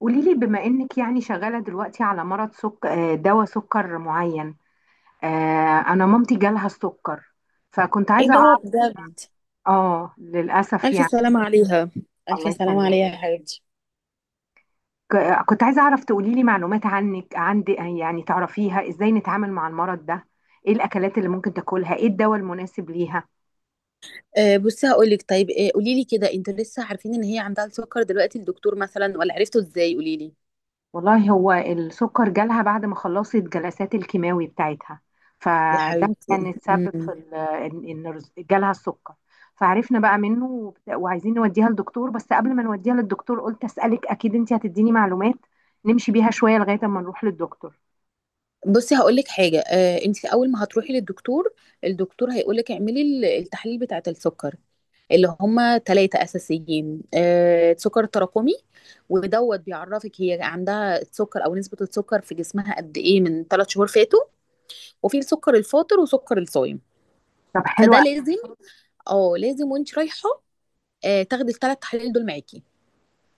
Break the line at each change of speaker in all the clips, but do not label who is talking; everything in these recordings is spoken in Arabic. قولي لي بما انك يعني شغاله دلوقتي على مرض سك... آه، دواء سكر معين. آه، انا مامتي جالها السكر، فكنت
ايه
عايزه
ده
اعرف.
بجد،
اه للاسف
الف
يعني.
سلامة عليها، الف
الله
سلامة
يسلمك.
عليها يا حبيبتي.
كنت عايزه اعرف تقولي لي معلومات عنك عندي يعني تعرفيها ازاي نتعامل مع المرض ده، ايه الاكلات اللي ممكن تاكلها، ايه الدواء المناسب ليها.
بصي هقول لك. طيب قولي لي كده، انتوا لسه عارفين ان هي عندها السكر دلوقتي الدكتور مثلا ولا عرفتوا ازاي؟ قولي لي
والله هو السكر جالها بعد ما خلصت جلسات الكيماوي بتاعتها،
يا
فده
حبيبتي.
كان السبب
مم.
في ان إن جالها السكر. فعرفنا بقى منه وعايزين نوديها للدكتور، بس قبل ما نوديها للدكتور قلت اسالك اكيد انت هتديني معلومات نمشي بيها شويه لغايه اما نروح للدكتور.
بصي هقول لك حاجه. انت اول ما هتروحي للدكتور، الدكتور هيقول لك اعملي التحاليل بتاعه السكر، اللي هما ثلاثه اساسيين. سكر تراكمي ودوت بيعرفك هي عندها السكر او نسبه السكر في جسمها قد ايه من ثلاث شهور فاتوا، وفي السكر الفاطر وسكر الصايم.
طب حلوه
فده
أوي.
لازم، اه لازم وانت رايحه، تاخدي الثلاث تحاليل دول معاكي.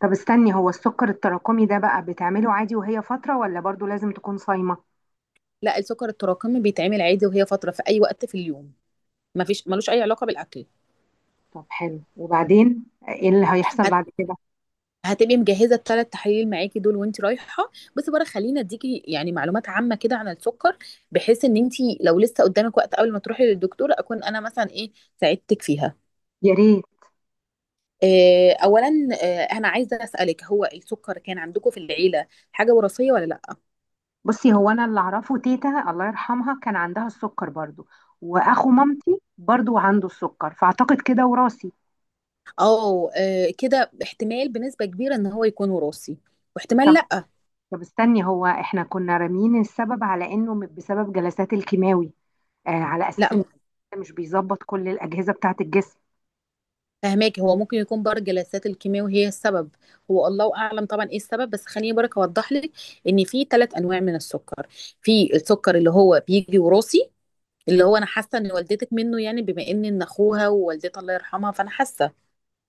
طب استني، هو السكر التراكمي ده بقى بتعمله عادي وهي فتره، ولا برضو لازم تكون صايمه؟
لا السكر التراكمي بيتعمل عادي وهي فتره في اي وقت في اليوم، مفيش ملوش اي علاقه بالاكل.
طب حلو، وبعدين ايه اللي هيحصل
هت...
بعد كده؟
هتبقي مجهزه الثلاث تحاليل معاكي دول وانت رايحه. بس بره خلينا اديكي يعني معلومات عامه كده عن السكر، بحيث ان انت لو لسه قدامك وقت قبل ما تروحي للدكتور اكون انا مثلا ايه، ساعدتك فيها.
يا ريت.
اولا، انا عايزه اسالك هو السكر كان عندكم في العيله حاجه وراثيه ولا لا؟
بصي، هو انا اللي اعرفه تيتا الله يرحمها كان عندها السكر برضو، واخو مامتي برضو عنده السكر، فاعتقد كده وراثي.
اه كده احتمال بنسبة كبيرة ان هو يكون وراثي، واحتمال
طب
لا.
طب استني، هو احنا كنا رامين السبب على انه بسبب جلسات الكيماوي، آه على اساس
لا
ان
م-
مش بيظبط كل الاجهزه بتاعه الجسم.
فهماكي هو ممكن يكون برضه جلسات الكيماوي هي السبب، هو الله اعلم طبعا ايه السبب، بس خليني برك اوضح لك ان في ثلاث انواع من السكر. في السكر اللي هو بيجي وراثي، اللي هو انا حاسه ان والدتك منه، يعني بما ان اخوها ووالدتها الله يرحمها، فانا حاسه.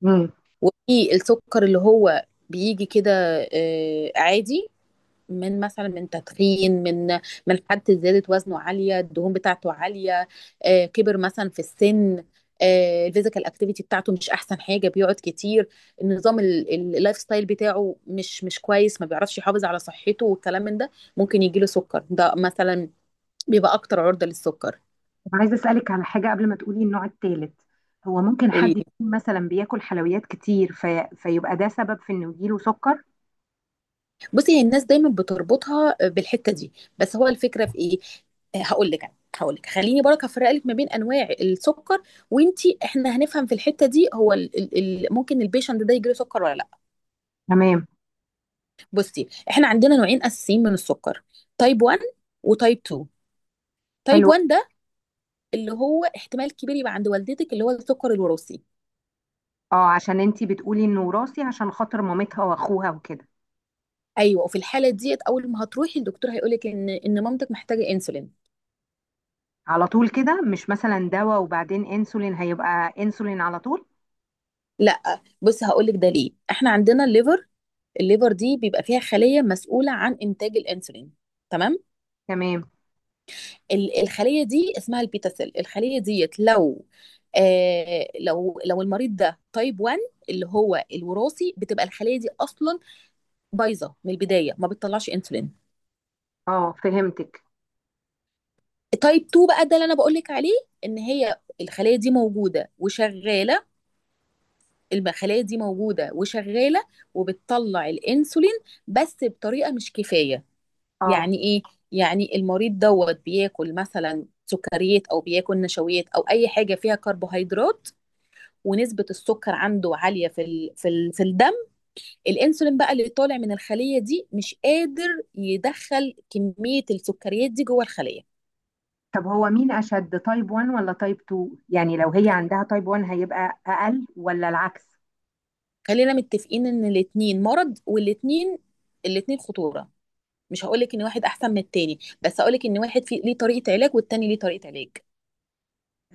مم.
وفي السكر اللي هو بيجي كده عادي، من مثلا من تدخين، من حد زادت وزنه عاليه، الدهون بتاعته عاليه، كبر مثلا في السن، الفيزيكال اكتيفيتي بتاعته مش احسن حاجه، بيقعد كتير، النظام اللايف ستايل بتاعه مش كويس، ما بيعرفش يحافظ على صحته والكلام من ده، ممكن يجيله سكر ده مثلا، بيبقى اكتر عرضه للسكر.
طب عايزه اسالك على حاجه قبل ما تقولي النوع الثالث، هو ممكن حد يكون مثلا بياكل حلويات كتير فيبقى ده سبب في انه يجيله سكر؟
بصي هي الناس دايما بتربطها بالحته دي، بس هو الفكره في ايه، هقول لك انا، هقول لك خليني برك هفرق لك ما بين انواع السكر، وانتي احنا هنفهم في الحته دي هو ال ال ال ممكن البيشنت ده يجيله سكر ولا لا.
تمام.
بصي احنا عندنا نوعين اساسيين من السكر، تايب 1 وتايب 2. تايب
حلو.
1 ده اللي هو احتمال كبير يبقى عند والدتك، اللي هو السكر الوراثي.
اه عشان انتي بتقولي انه وراثي عشان خاطر مامتها واخوها وكده.
ايوه، وفي الحاله ديت اول ما هتروحي الدكتور هيقول لك ان مامتك محتاجه انسولين.
على طول كده؟ مش مثلا دواء وبعدين انسولين؟ هيبقى انسولين على طول؟
لا بص هقولك ده ليه، احنا عندنا الليفر، الليفر دي بيبقى فيها خلية مسؤولة عن إنتاج الأنسولين، تمام؟
تمام.
الخلية دي اسمها البيتا سيل. الخلية ديت لو لو المريض ده تايب 1، اللي هو الوراثي، بتبقى الخلية دي أصلا بايظة من البداية، ما بتطلعش أنسولين.
اه فهمتك.
تايب 2 بقى ده اللي أنا بقولك عليه، إن هي الخلية دي موجودة وشغالة، الخلية دي موجودة وشغالة وبتطلع الأنسولين، بس بطريقة مش كفاية.
اه
يعني ايه؟ يعني المريض دوت بياكل مثلا سكريات او بياكل نشويات او اي حاجه فيها كربوهيدرات، ونسبه السكر عنده عاليه في في الدم، الانسولين بقى اللي طالع من الخليه دي مش قادر يدخل كميه السكريات دي جوه الخليه.
طب هو مين اشد، تايب 1 ولا تايب 2؟ يعني لو هي عندها تايب 1 هيبقى اقل ولا العكس؟
خلينا متفقين ان الاتنين مرض، والاتنين، الاتنين خطوره. مش هقولك ان واحد احسن من التاني، بس هقولك ان واحد فيه ليه طريقه علاج والتاني ليه طريقه علاج.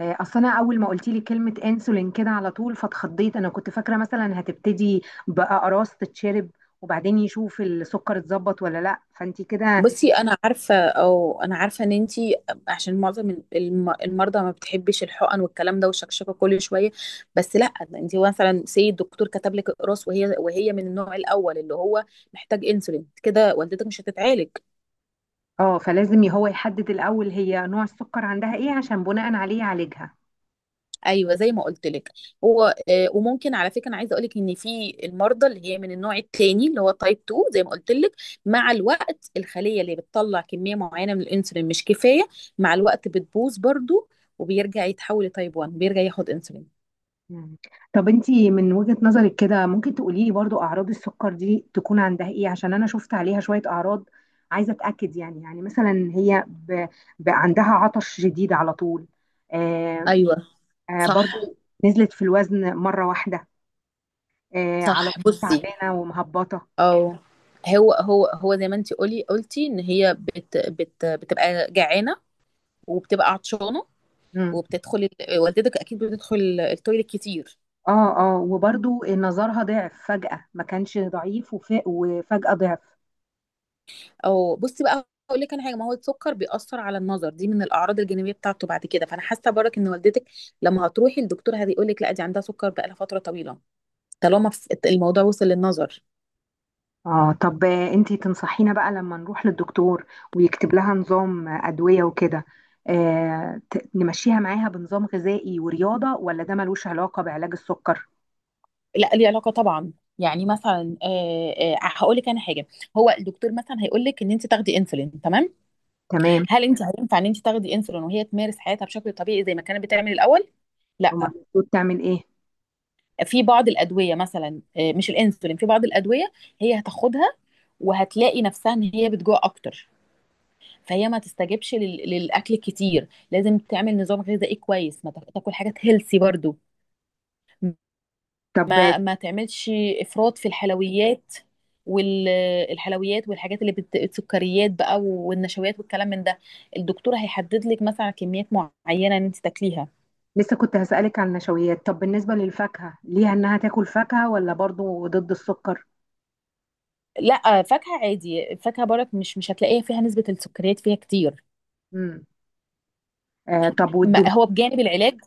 اصل انا اول ما قلت لي كلمه انسولين كده على طول فاتخضيت، انا كنت فاكره مثلا هتبتدي باقراص تتشرب وبعدين يشوف السكر اتظبط ولا لا، فانت كده.
بصي انا عارفه، او انا عارفه ان انتي، عشان معظم المرضى ما بتحبش الحقن والكلام ده والشكشكه كل شويه، بس لا ده انتي مثلا سي الدكتور كتب لك اقراص، وهي من النوع الاول اللي هو محتاج انسولين، كده والدتك مش هتتعالج.
اه فلازم هو يحدد الاول هي نوع السكر عندها ايه عشان بناء عليه يعالجها.
ايوه زي ما قلت لك. هو وممكن على فكره انا عايزه اقول لك ان في المرضى اللي هي من النوع الثاني اللي هو تايب 2 زي ما قلت لك، مع الوقت الخليه اللي بتطلع كميه معينه من الانسولين مش كفايه، مع الوقت بتبوظ برضو، وبيرجع يتحول لتايب 1، بيرجع ياخد انسولين.
مم. طب انتي من وجهة نظرك كده ممكن تقولي لي برضو اعراض السكر دي تكون عندها ايه؟ عشان انا شفت عليها شوية اعراض، عايزة اتأكد يعني. يعني مثلا هي عندها عطش شديد على طول. آه.
ايوه،
آه
صح.
برضو. نزلت في الوزن مرة واحدة. آه، على
صح
طول
بصي.
تعبانة ومهبطة.
او هو هو زي ما انت قلتي ان هي بت بت بتبقى جعانه وبتبقى عطشانه،
مم.
وبتدخل والدتك اكيد بتدخل التويليت كتير.
اه اه، وبرضو نظرها ضعف فجأة، ما كانش ضعيف وفجأة ضعف.
او بصي بقى اقول لك انا حاجه، ما هو السكر بيأثر على النظر، دي من الاعراض الجانبيه بتاعته بعد كده، فانا حاسه برك ان والدتك لما هتروحي الدكتور هيقول لك لا دي عندها سكر بقى لها فتره طويله، طالما الموضوع وصل للنظر.
اه طب انتي تنصحينا بقى لما نروح للدكتور ويكتب لها نظام أدوية وكده، نمشيها معاها بنظام غذائي ورياضة، ولا ده ملوش علاقة بعلاج السكر؟
لا ليه علاقه طبعا. يعني مثلا، هقول لك انا حاجه، هو الدكتور مثلا هيقول لك ان انت تاخدي انسولين، تمام.
تمام.
هل انت هينفع ان انت تاخدي انسولين وهي تمارس حياتها بشكل طبيعي زي ما كانت بتعمل الاول؟
هما
لا.
المفروض تعمل ايه؟
في بعض الادويه مثلا، مش الانسولين، في بعض الادويه هي هتاخدها وهتلاقي نفسها ان هي بتجوع اكتر، فهي ما تستجبش للاكل الكتير، لازم تعمل نظام غذائي كويس، ما تاكل حاجات هيلسي برضو،
طب آه،
ما تعملش افراط في الحلويات، والحلويات والحاجات السكريات بقى والنشويات والكلام من ده، الدكتور هيحدد لك مثلا كميات معينه ان انت تاكليها.
لسه كنت هسألك عن النشويات. طب بالنسبة للفاكهة، ليها انها تاكل فاكهة ولا برضو ضد السكر؟
لا فاكهه عادي، الفاكهه برك مش هتلاقيها فيها نسبه السكريات فيها كتير.
امم. آه طب
ما
والدهون؟
هو بجانب العلاج،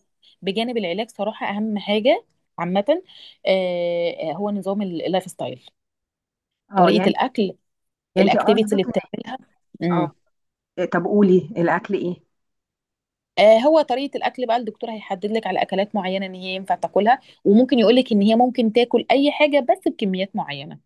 بجانب العلاج صراحة أهم حاجة عامة هو نظام اللايف ستايل،
اه
طريقة
يعني.
الأكل،
يعني انتي
الأكتيفيتي اللي
قصدك
بتعملها. امم.
اه طب قولي، الأكل ايه؟
هو طريقة الأكل بقى الدكتور هيحدد لك على أكلات معينة إن هي ينفع تاكلها، وممكن يقول لك إن هي ممكن تاكل أي حاجة بس بكميات معينة.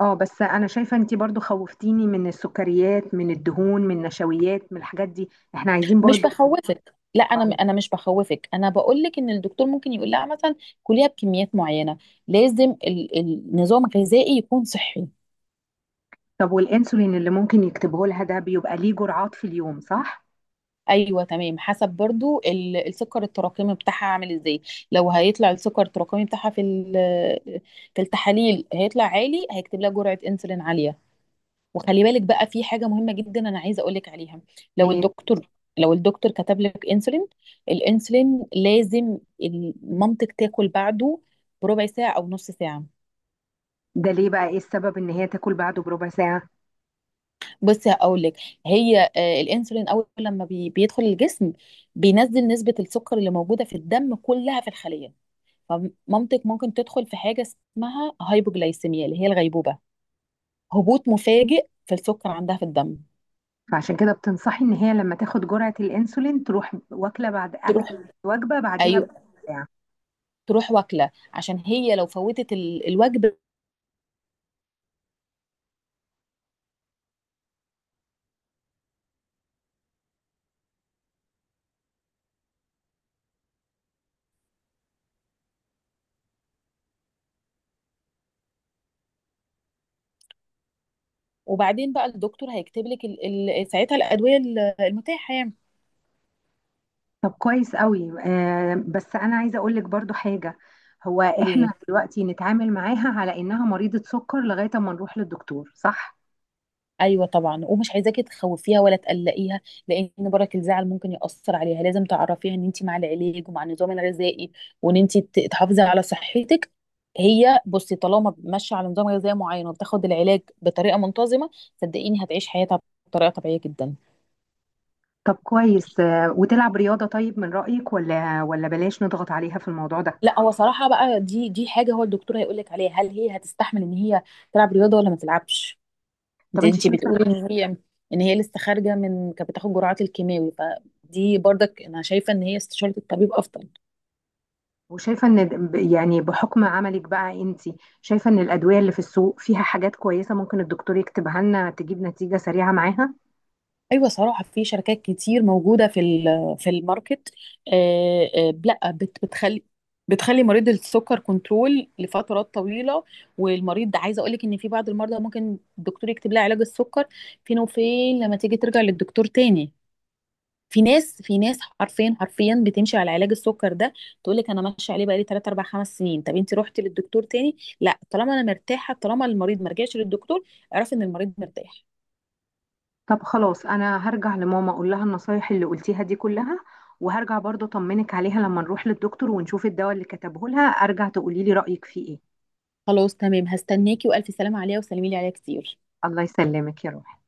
اه بس انا شايفه انتي برضو خوفتيني من السكريات، من الدهون، من النشويات، من الحاجات دي، احنا عايزين
مش
برضو.
بخوفك، لا أنا
أو.
أنا مش بخوفك، أنا بقول لك إن الدكتور ممكن يقول لها مثلا كليها بكميات معينة، لازم النظام الغذائي يكون صحي.
طب والانسولين اللي ممكن يكتبه لها ده بيبقى ليه جرعات في اليوم صح؟
ايوه تمام، حسب برضو السكر التراكمي بتاعها عامل ازاي، لو هيطلع السكر التراكمي بتاعها في في التحاليل هيطلع عالي، هيكتب لها جرعه انسولين عاليه. وخلي بالك بقى في حاجه مهمه جدا انا عايزه اقول لك عليها، لو
إيه
الدكتور، لو الدكتور كتب لك انسولين، الانسولين لازم مامتك تاكل بعده بربع ساعه او نص ساعه.
ده ليه بقى، ايه السبب ان هي تاكل بعده بربع ساعه؟
بصي هقول لك، هي الانسولين اول لما بيدخل الجسم، بينزل نسبه السكر اللي موجوده في الدم كلها في الخليه، فمامتك ممكن تدخل في حاجة اسمها هايبوجلايسيميا، اللي هي الغيبوبة، هبوط مفاجئ في السكر عندها في الدم.
فعشان كده بتنصحي ان هي لما تاخد جرعه الانسولين تروح واكله بعد أكل،
تروح،
وجبه بعديها
ايوه،
بربع ساعه.
تروح واكله عشان هي لو فوتت الوجبه، وبعدين بقى الدكتور هيكتب لك ساعتها الادويه المتاحه يعني.
طب كويس قوي. آه بس انا عايزه اقول لك برضو حاجه، هو
قولي لي.
احنا دلوقتي نتعامل معاها على انها مريضه سكر لغايه ما نروح للدكتور صح؟
ايوه طبعا، ومش عايزاكي تخوفيها ولا تقلقيها لان برك الزعل ممكن ياثر عليها، لازم تعرفيها ان انت مع العلاج ومع النظام الغذائي، وان انت تحافظي على صحتك. هي بصي طالما ماشيه على نظام غذائي معين وبتاخد العلاج بطريقه منتظمه، صدقيني هتعيش حياتها بطريقه طبيعيه جدا.
طب كويس. آه، وتلعب رياضة طيب من رأيك، ولا بلاش نضغط عليها في الموضوع ده؟
لا هو صراحه بقى، دي حاجه هو الدكتور هيقول لك عليها، هل هي هتستحمل ان هي تلعب رياضه ولا ما تلعبش؟ انت
طب انت
انت
شايفة.
بتقولي ان هي، ان هي لسه خارجه من كانت بتاخد جرعات الكيماوي، فدي برضك انا شايفه ان هي استشاره الطبيب افضل.
وشايفة ان يعني بحكم عملك بقى انت، شايفة ان الأدوية اللي في السوق فيها حاجات كويسة ممكن الدكتور يكتبها لنا تجيب نتيجة سريعة معاها؟
ايوه صراحه في شركات كتير موجوده في في الماركت، لا بتخلي مريض السكر كنترول لفترات طويله. والمريض ده عايزه اقول لك ان في بعض المرضى ممكن الدكتور يكتب لها علاج السكر، فين وفين لما تيجي ترجع للدكتور تاني. في ناس حرفيا، بتمشي على علاج السكر ده، تقول لك انا ماشيه عليه بقالي 3 4 5 سنين. طب انت رحتي للدكتور تاني؟ لا طالما انا مرتاحه. طالما المريض ما رجعش للدكتور اعرفي ان المريض مرتاح.
طب خلاص، انا هرجع لماما اقول لها النصايح اللي قلتيها دي كلها، وهرجع برضه اطمنك عليها لما نروح للدكتور ونشوف الدواء اللي كتبه لها ارجع تقولي لي رأيك فيه ايه.
خلاص تمام هستناكي، والف سلامه عليها وسلمي لي عليها كتير.
الله يسلمك يا روحي.